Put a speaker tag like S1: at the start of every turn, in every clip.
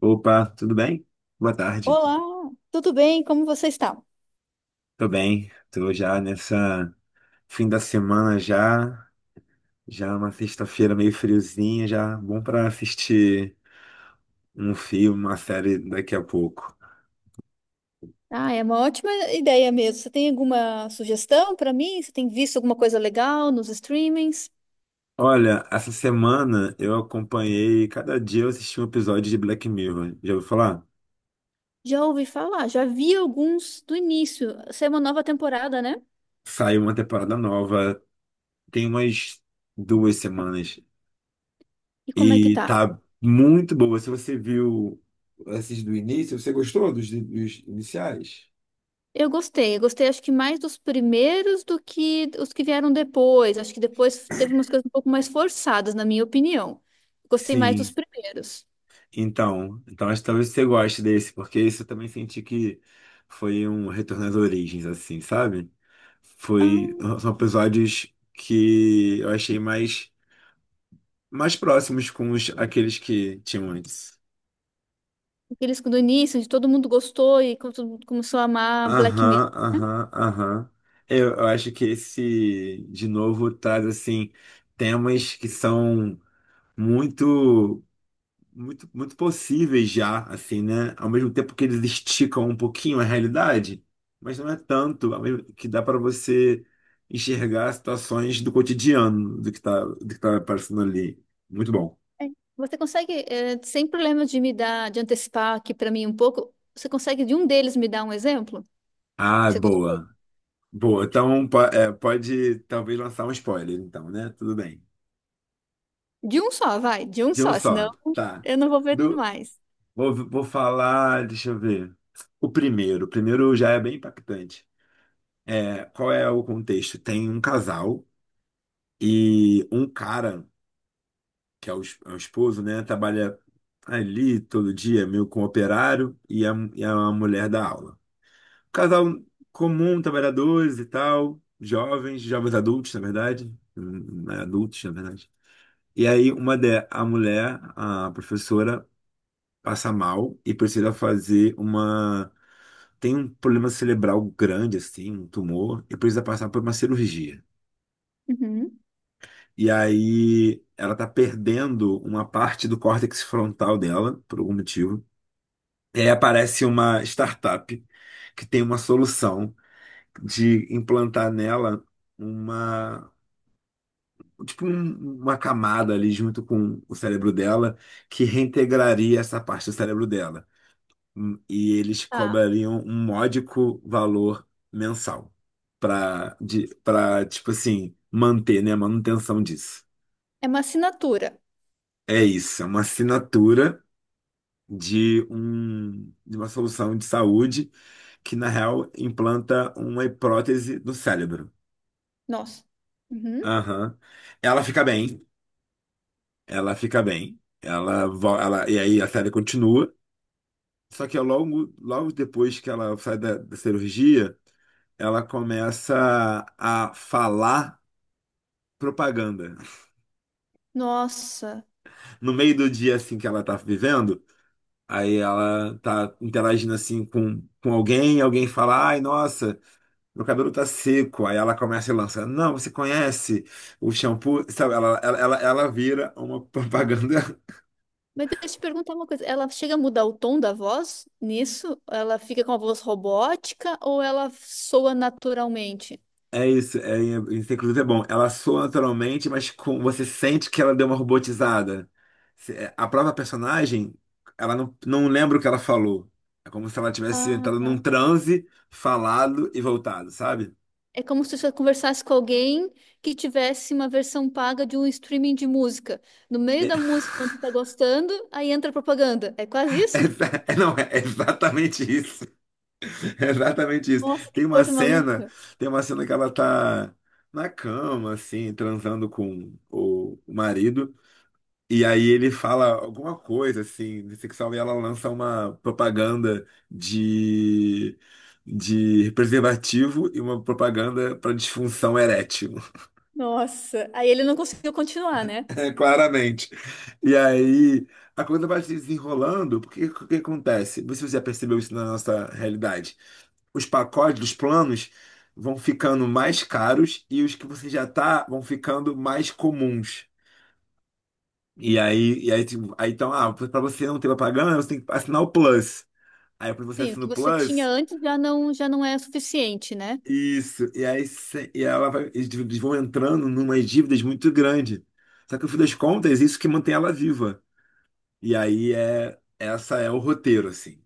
S1: Opa, tudo bem? Boa tarde.
S2: Olá, tudo bem? Como você está?
S1: Tô bem, tô já nessa fim da semana já, já é uma sexta-feira meio friozinha, já bom pra assistir um filme, uma série daqui a pouco.
S2: Ah, é uma ótima ideia mesmo. Você tem alguma sugestão para mim? Você tem visto alguma coisa legal nos streamings?
S1: Olha, essa semana eu acompanhei, cada dia eu assisti um episódio de Black Mirror. Já ouviu falar?
S2: Já ouvi falar, já vi alguns do início. Essa é uma nova temporada, né?
S1: Saiu uma temporada nova, tem umas 2 semanas
S2: E como é que
S1: e
S2: tá?
S1: tá muito boa. Se você viu esses do início, você gostou dos iniciais?
S2: Eu gostei acho que mais dos primeiros do que os que vieram depois. Acho que depois teve umas coisas um pouco mais forçadas, na minha opinião. Gostei mais dos
S1: Sim.
S2: primeiros.
S1: Então acho que talvez você goste desse, porque isso eu também senti que foi um retorno às origens, assim, sabe? Foi,
S2: Ah,
S1: são episódios que eu achei mais, mais próximos com os, aqueles que tinham antes.
S2: aqueles do início, de todo mundo gostou e como todo mundo começou a amar Black Mirror.
S1: Aham, aham, aham. Eu acho que esse, de novo, traz, assim, temas que são muito muito, muito possíveis já, assim, né? Ao mesmo tempo que eles esticam um pouquinho a realidade, mas não é tanto, que dá para você enxergar situações do cotidiano, do que tá aparecendo ali. Muito bom.
S2: É. Você consegue, sem problema de antecipar aqui para mim um pouco, você consegue de um deles me dar um exemplo?
S1: Ah,
S2: Que você gostou?
S1: boa. Boa. Então, pode talvez lançar um spoiler, então, né? Tudo bem.
S2: De um só, vai, de um
S1: De um
S2: só, senão
S1: só. Tá.
S2: eu não vou ver
S1: Do-
S2: mais.
S1: vou falar, deixa eu ver. O primeiro. O primeiro já é bem impactante. É, qual é o contexto? Tem um casal. E um cara, que é o, é o esposo, né, trabalha ali todo dia, meio com operário, e a mulher da aula. Casal comum, trabalhadores e tal, jovens, jovens adultos, na verdade, né, adultos, na verdade. E aí, a mulher, a professora, passa mal e precisa fazer uma. Tem um problema cerebral grande, assim, um tumor, e precisa passar por uma cirurgia.
S2: Uhum.
S1: E aí ela tá perdendo uma parte do córtex frontal dela, por algum motivo. E aí aparece uma startup que tem uma solução de implantar nela uma, tipo uma camada ali junto com o cérebro dela que reintegraria essa parte do cérebro dela. E eles
S2: Tá.
S1: cobrariam um módico valor mensal para para tipo assim manter, né, a manutenção disso.
S2: É uma assinatura.
S1: É isso, é uma assinatura de uma solução de saúde que, na real, implanta uma prótese no cérebro.
S2: Nossa. Uhum.
S1: Aham. Ela fica bem, ela fica bem, e aí a série continua. Só que logo, logo depois que ela sai da cirurgia, ela começa a falar propaganda.
S2: Nossa.
S1: No meio do dia assim que ela tá vivendo, aí ela tá interagindo assim com alguém, alguém fala, ai, nossa. Meu cabelo tá seco. Aí ela começa e lança: Não, você conhece o shampoo? Sabe, ela vira uma propaganda.
S2: Mas deixa eu te perguntar uma coisa. Ela chega a mudar o tom da voz nisso? Ela fica com a voz robótica ou ela soa naturalmente?
S1: É isso. É, isso, inclusive, é bom. Ela soa naturalmente, mas com, você sente que ela deu uma robotizada. A própria personagem, ela não lembra o que ela falou. É como se ela tivesse
S2: Ah,
S1: entrado num
S2: tá.
S1: transe, falado e voltado, sabe?
S2: É como se você conversasse com alguém que tivesse uma versão paga de um streaming de música. No meio
S1: É,
S2: da música, quando você tá gostando, aí entra a propaganda. É quase isso?
S1: não, é exatamente isso. É exatamente isso.
S2: Nossa, que
S1: Tem uma
S2: coisa
S1: cena,
S2: maluca.
S1: tem uma cena que ela tá na cama, assim, transando com o marido, e aí ele fala alguma coisa, assim, de sexual, e ela lança uma propaganda de preservativo e uma propaganda para disfunção erétil.
S2: Nossa. Aí ele não conseguiu continuar, né?
S1: É, claramente. E aí, a coisa vai se desenrolando, porque o que acontece? Não sei se você já percebeu isso na nossa realidade. Os pacotes os planos vão ficando mais caros e os que você já tá vão ficando mais comuns. E aí, tipo, aí então, ah, para você não ter propaganda, você tem que assinar o Plus. Aí quando você
S2: Sim, o
S1: assina o
S2: que você tinha
S1: Plus,
S2: antes já não é suficiente, né?
S1: isso. E ela vai, eles vão entrando numas dívidas muito grandes. Só que no fim das contas, isso que mantém ela viva. E aí é essa é o roteiro assim.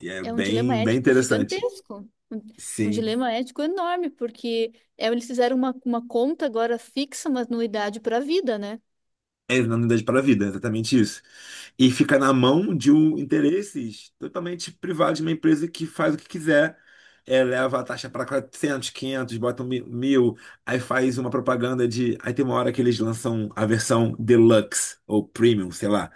S1: E é
S2: É um dilema
S1: bem
S2: ético
S1: interessante.
S2: gigantesco. Um
S1: Sim.
S2: dilema ético enorme, porque eles fizeram uma, conta agora fixa, uma anuidade para a vida, né?
S1: É na unidade para a vida, é exatamente isso. E fica na mão de um interesses totalmente privados de uma empresa que faz o que quiser. É, leva a taxa para 400 500 botam mil, aí faz uma propaganda de. Aí tem uma hora que eles lançam a versão deluxe ou premium, sei lá.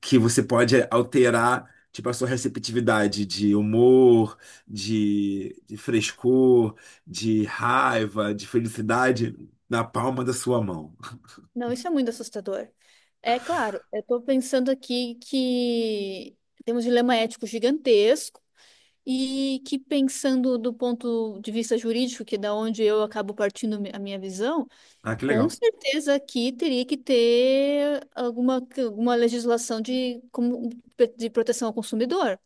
S1: Que você pode alterar, tipo, a sua receptividade de humor, de frescor, de raiva, de felicidade na palma da sua mão.
S2: Não, isso é muito assustador. É claro, eu estou pensando aqui que temos um dilema ético gigantesco e que pensando do ponto de vista jurídico, que é da onde eu acabo partindo a minha visão,
S1: Ah, que
S2: com
S1: legal.
S2: certeza aqui teria que ter alguma legislação de proteção ao consumidor.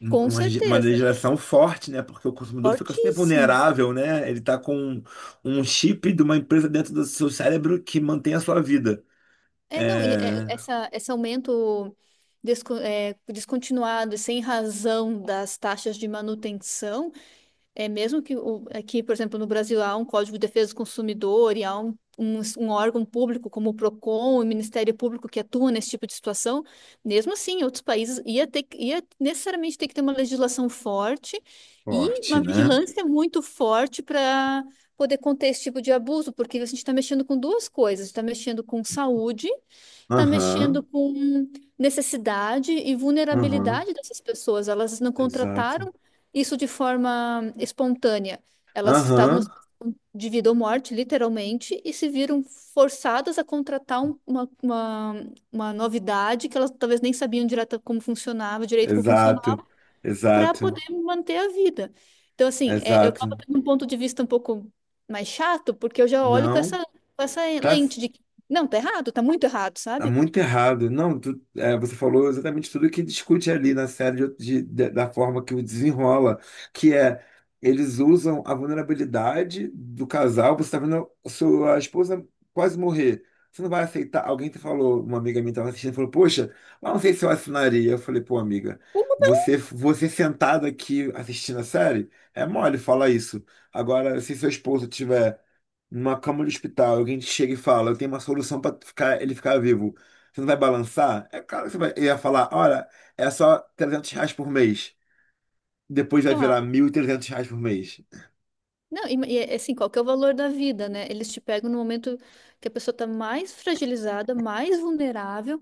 S2: Com
S1: Uma
S2: certeza.
S1: legislação forte, né? Porque o consumidor fica super
S2: Fortíssima.
S1: vulnerável, né? Ele tá com um chip de uma empresa dentro do seu cérebro que mantém a sua vida.
S2: É, não, e é,
S1: É
S2: essa, esse aumento descontinuado e sem razão das taxas de manutenção, é mesmo que aqui, por exemplo, no Brasil há um Código de Defesa do Consumidor e há um órgão público como o PROCON, o Ministério Público que atua nesse tipo de situação, mesmo assim, em outros países ia necessariamente ter que ter uma legislação forte e
S1: forte,
S2: uma
S1: né?
S2: vigilância muito forte para poder conter esse tipo de abuso, porque a gente está mexendo com duas coisas, está mexendo com saúde. Tá mexendo
S1: Aham,
S2: com necessidade e
S1: aham,
S2: vulnerabilidade dessas pessoas. Elas não
S1: exato.
S2: contrataram isso de forma espontânea. Elas estavam na
S1: Aham,
S2: situação de vida ou morte, literalmente, e se viram forçadas a contratar uma novidade que elas talvez nem sabiam direito como
S1: exato,
S2: funcionava, para
S1: exato.
S2: poder manter a vida. Então, assim, eu acabo
S1: Exato.
S2: tendo um ponto de vista um pouco mais chato, porque eu já olho com
S1: Não,
S2: essa, com essa
S1: tá,
S2: lente de que, não, tá errado, tá muito errado,
S1: tá
S2: sabe?
S1: muito errado. Não, você falou exatamente tudo que discute ali na série da forma que o desenrola, que é eles usam a vulnerabilidade do casal. Você está vendo a sua esposa quase morrer. Você não vai aceitar. Alguém te falou, uma amiga minha estava assistindo, falou: Poxa, eu não sei se eu assinaria. Eu falei: Pô, amiga, você sentada aqui assistindo a série, é mole falar isso. Agora, se seu esposo tiver numa cama de hospital, alguém te chega e fala, eu tenho uma solução para ele ficar vivo. Você não vai balançar? É claro que você vai, ele ia falar, olha, é só R$ 300 por mês. Depois vai virar
S2: Claro.
S1: R$ 1.300 por mês.
S2: Não, e é assim, qual que é o valor da vida, né? Eles te pegam no momento que a pessoa está mais fragilizada, mais vulnerável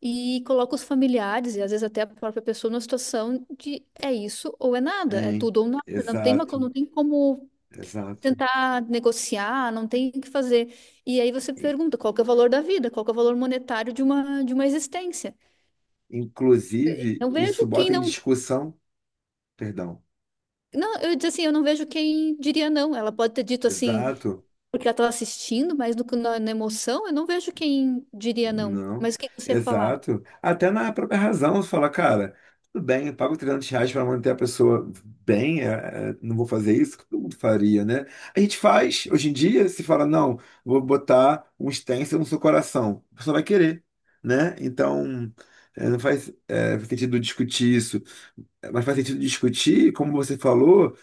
S2: e colocam os familiares e às vezes até a própria pessoa numa situação de é isso ou é nada, é
S1: Hein?
S2: tudo ou nada,
S1: Exato,
S2: não tem como
S1: exato.
S2: tentar negociar, não tem o que fazer. E aí você
S1: I-
S2: pergunta, qual que é o valor da vida? Qual que é o valor monetário de uma existência?
S1: Inclusive,
S2: Não
S1: isso
S2: vejo quem
S1: bota em
S2: não
S1: discussão, perdão,
S2: Não, eu diz assim, eu não vejo quem diria não. Ela pode ter dito assim,
S1: exato.
S2: porque ela estava assistindo, mas no, na, na emoção eu não vejo quem diria não.
S1: Não,
S2: Mas o que você ia falar?
S1: exato. Até na própria razão, você fala, cara, tudo bem, eu pago R$ 300 para manter a pessoa bem, não vou fazer isso, que todo mundo faria, né? A gente faz, hoje em dia, se fala, não, vou botar um stencil no seu coração, a pessoa vai querer, né? Então, não faz, faz sentido discutir isso. É, mas faz sentido discutir, como você falou,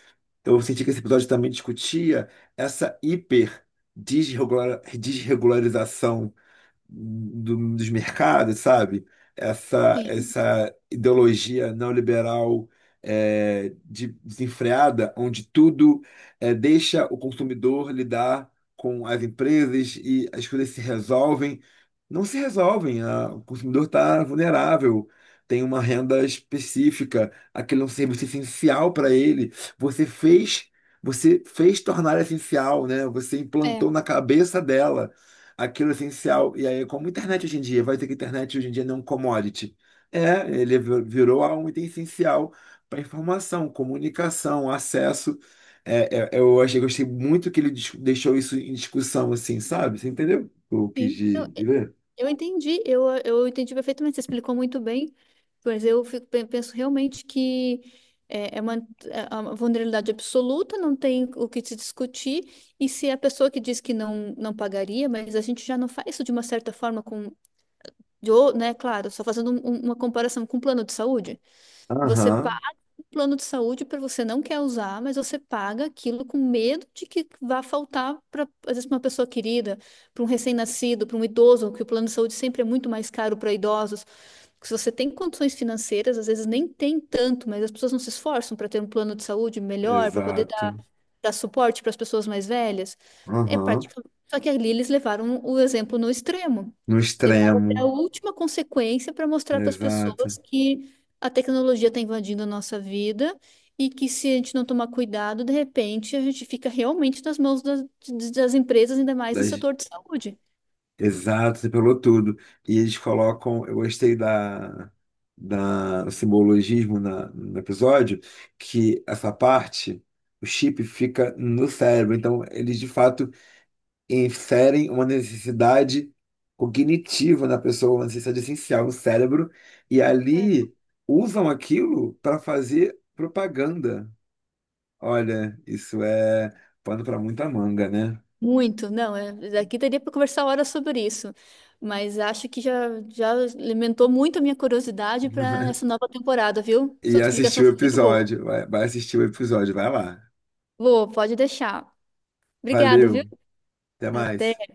S1: eu senti que esse episódio também discutia essa hiper desregularização dos mercados, sabe? Essa,
S2: Sim,
S1: essa ideologia neoliberal desenfreada, onde tudo deixa o consumidor lidar com as empresas e as coisas se resolvem. Não se resolvem, o consumidor está vulnerável. Tem uma renda específica, aquele é um serviço essencial para ele. Você fez, você fez tornar essencial, né? Você
S2: é,
S1: implantou na cabeça dela aquilo essencial. E aí, como internet hoje em dia, vai dizer que internet hoje em dia não é um commodity. É, ele virou um item essencial para informação, comunicação, acesso. Eu achei, gostei muito que ele deixou isso em discussão, assim, sabe? Você entendeu? O que eu quis
S2: sim. eu,
S1: dizer?
S2: eu entendi, eu entendi perfeitamente, você explicou muito bem, mas eu fico, penso realmente que é, é uma, é uma vulnerabilidade absoluta, não tem o que se discutir, e se a pessoa que diz que não, não pagaria, mas a gente já não faz isso de uma certa forma né, claro, só fazendo uma comparação com o plano de saúde, você
S1: Aham,
S2: plano de saúde para você não quer usar, mas você paga aquilo com medo de que vá faltar para, às vezes, uma pessoa querida, para um recém-nascido, para um idoso, que o plano de saúde sempre é muito mais caro para idosos. Porque se você tem condições financeiras, às vezes nem tem tanto, mas as pessoas não se esforçam para ter um plano de saúde melhor, para poder
S1: exato.
S2: dar suporte para as pessoas mais velhas. É
S1: Aham,
S2: praticamente. Só que ali eles levaram o exemplo no extremo.
S1: no
S2: Levaram até a
S1: extremo,
S2: última consequência para mostrar para as
S1: exato.
S2: pessoas que a tecnologia está invadindo a nossa vida e que se a gente não tomar cuidado, de repente a gente fica realmente nas mãos das empresas, ainda mais no setor de saúde.
S1: Exato, você pegou tudo. E eles colocam, eu gostei da, da do simbologismo no episódio, que essa parte, o chip fica no cérebro. Então, eles de fato inserem uma necessidade cognitiva na pessoa, uma necessidade essencial no cérebro, e
S2: É.
S1: ali usam aquilo para fazer propaganda. Olha, isso é pano para muita manga, né?
S2: Muito, não, daqui daria para conversar horas sobre isso, mas acho que já alimentou muito a minha curiosidade para essa nova temporada, viu?
S1: E
S2: Sua
S1: assistir
S2: explicação
S1: o
S2: foi muito boa.
S1: episódio. Vai, vai assistir o episódio, vai lá.
S2: Vou, pode deixar. Obrigada, viu?
S1: Valeu, até mais.
S2: Até.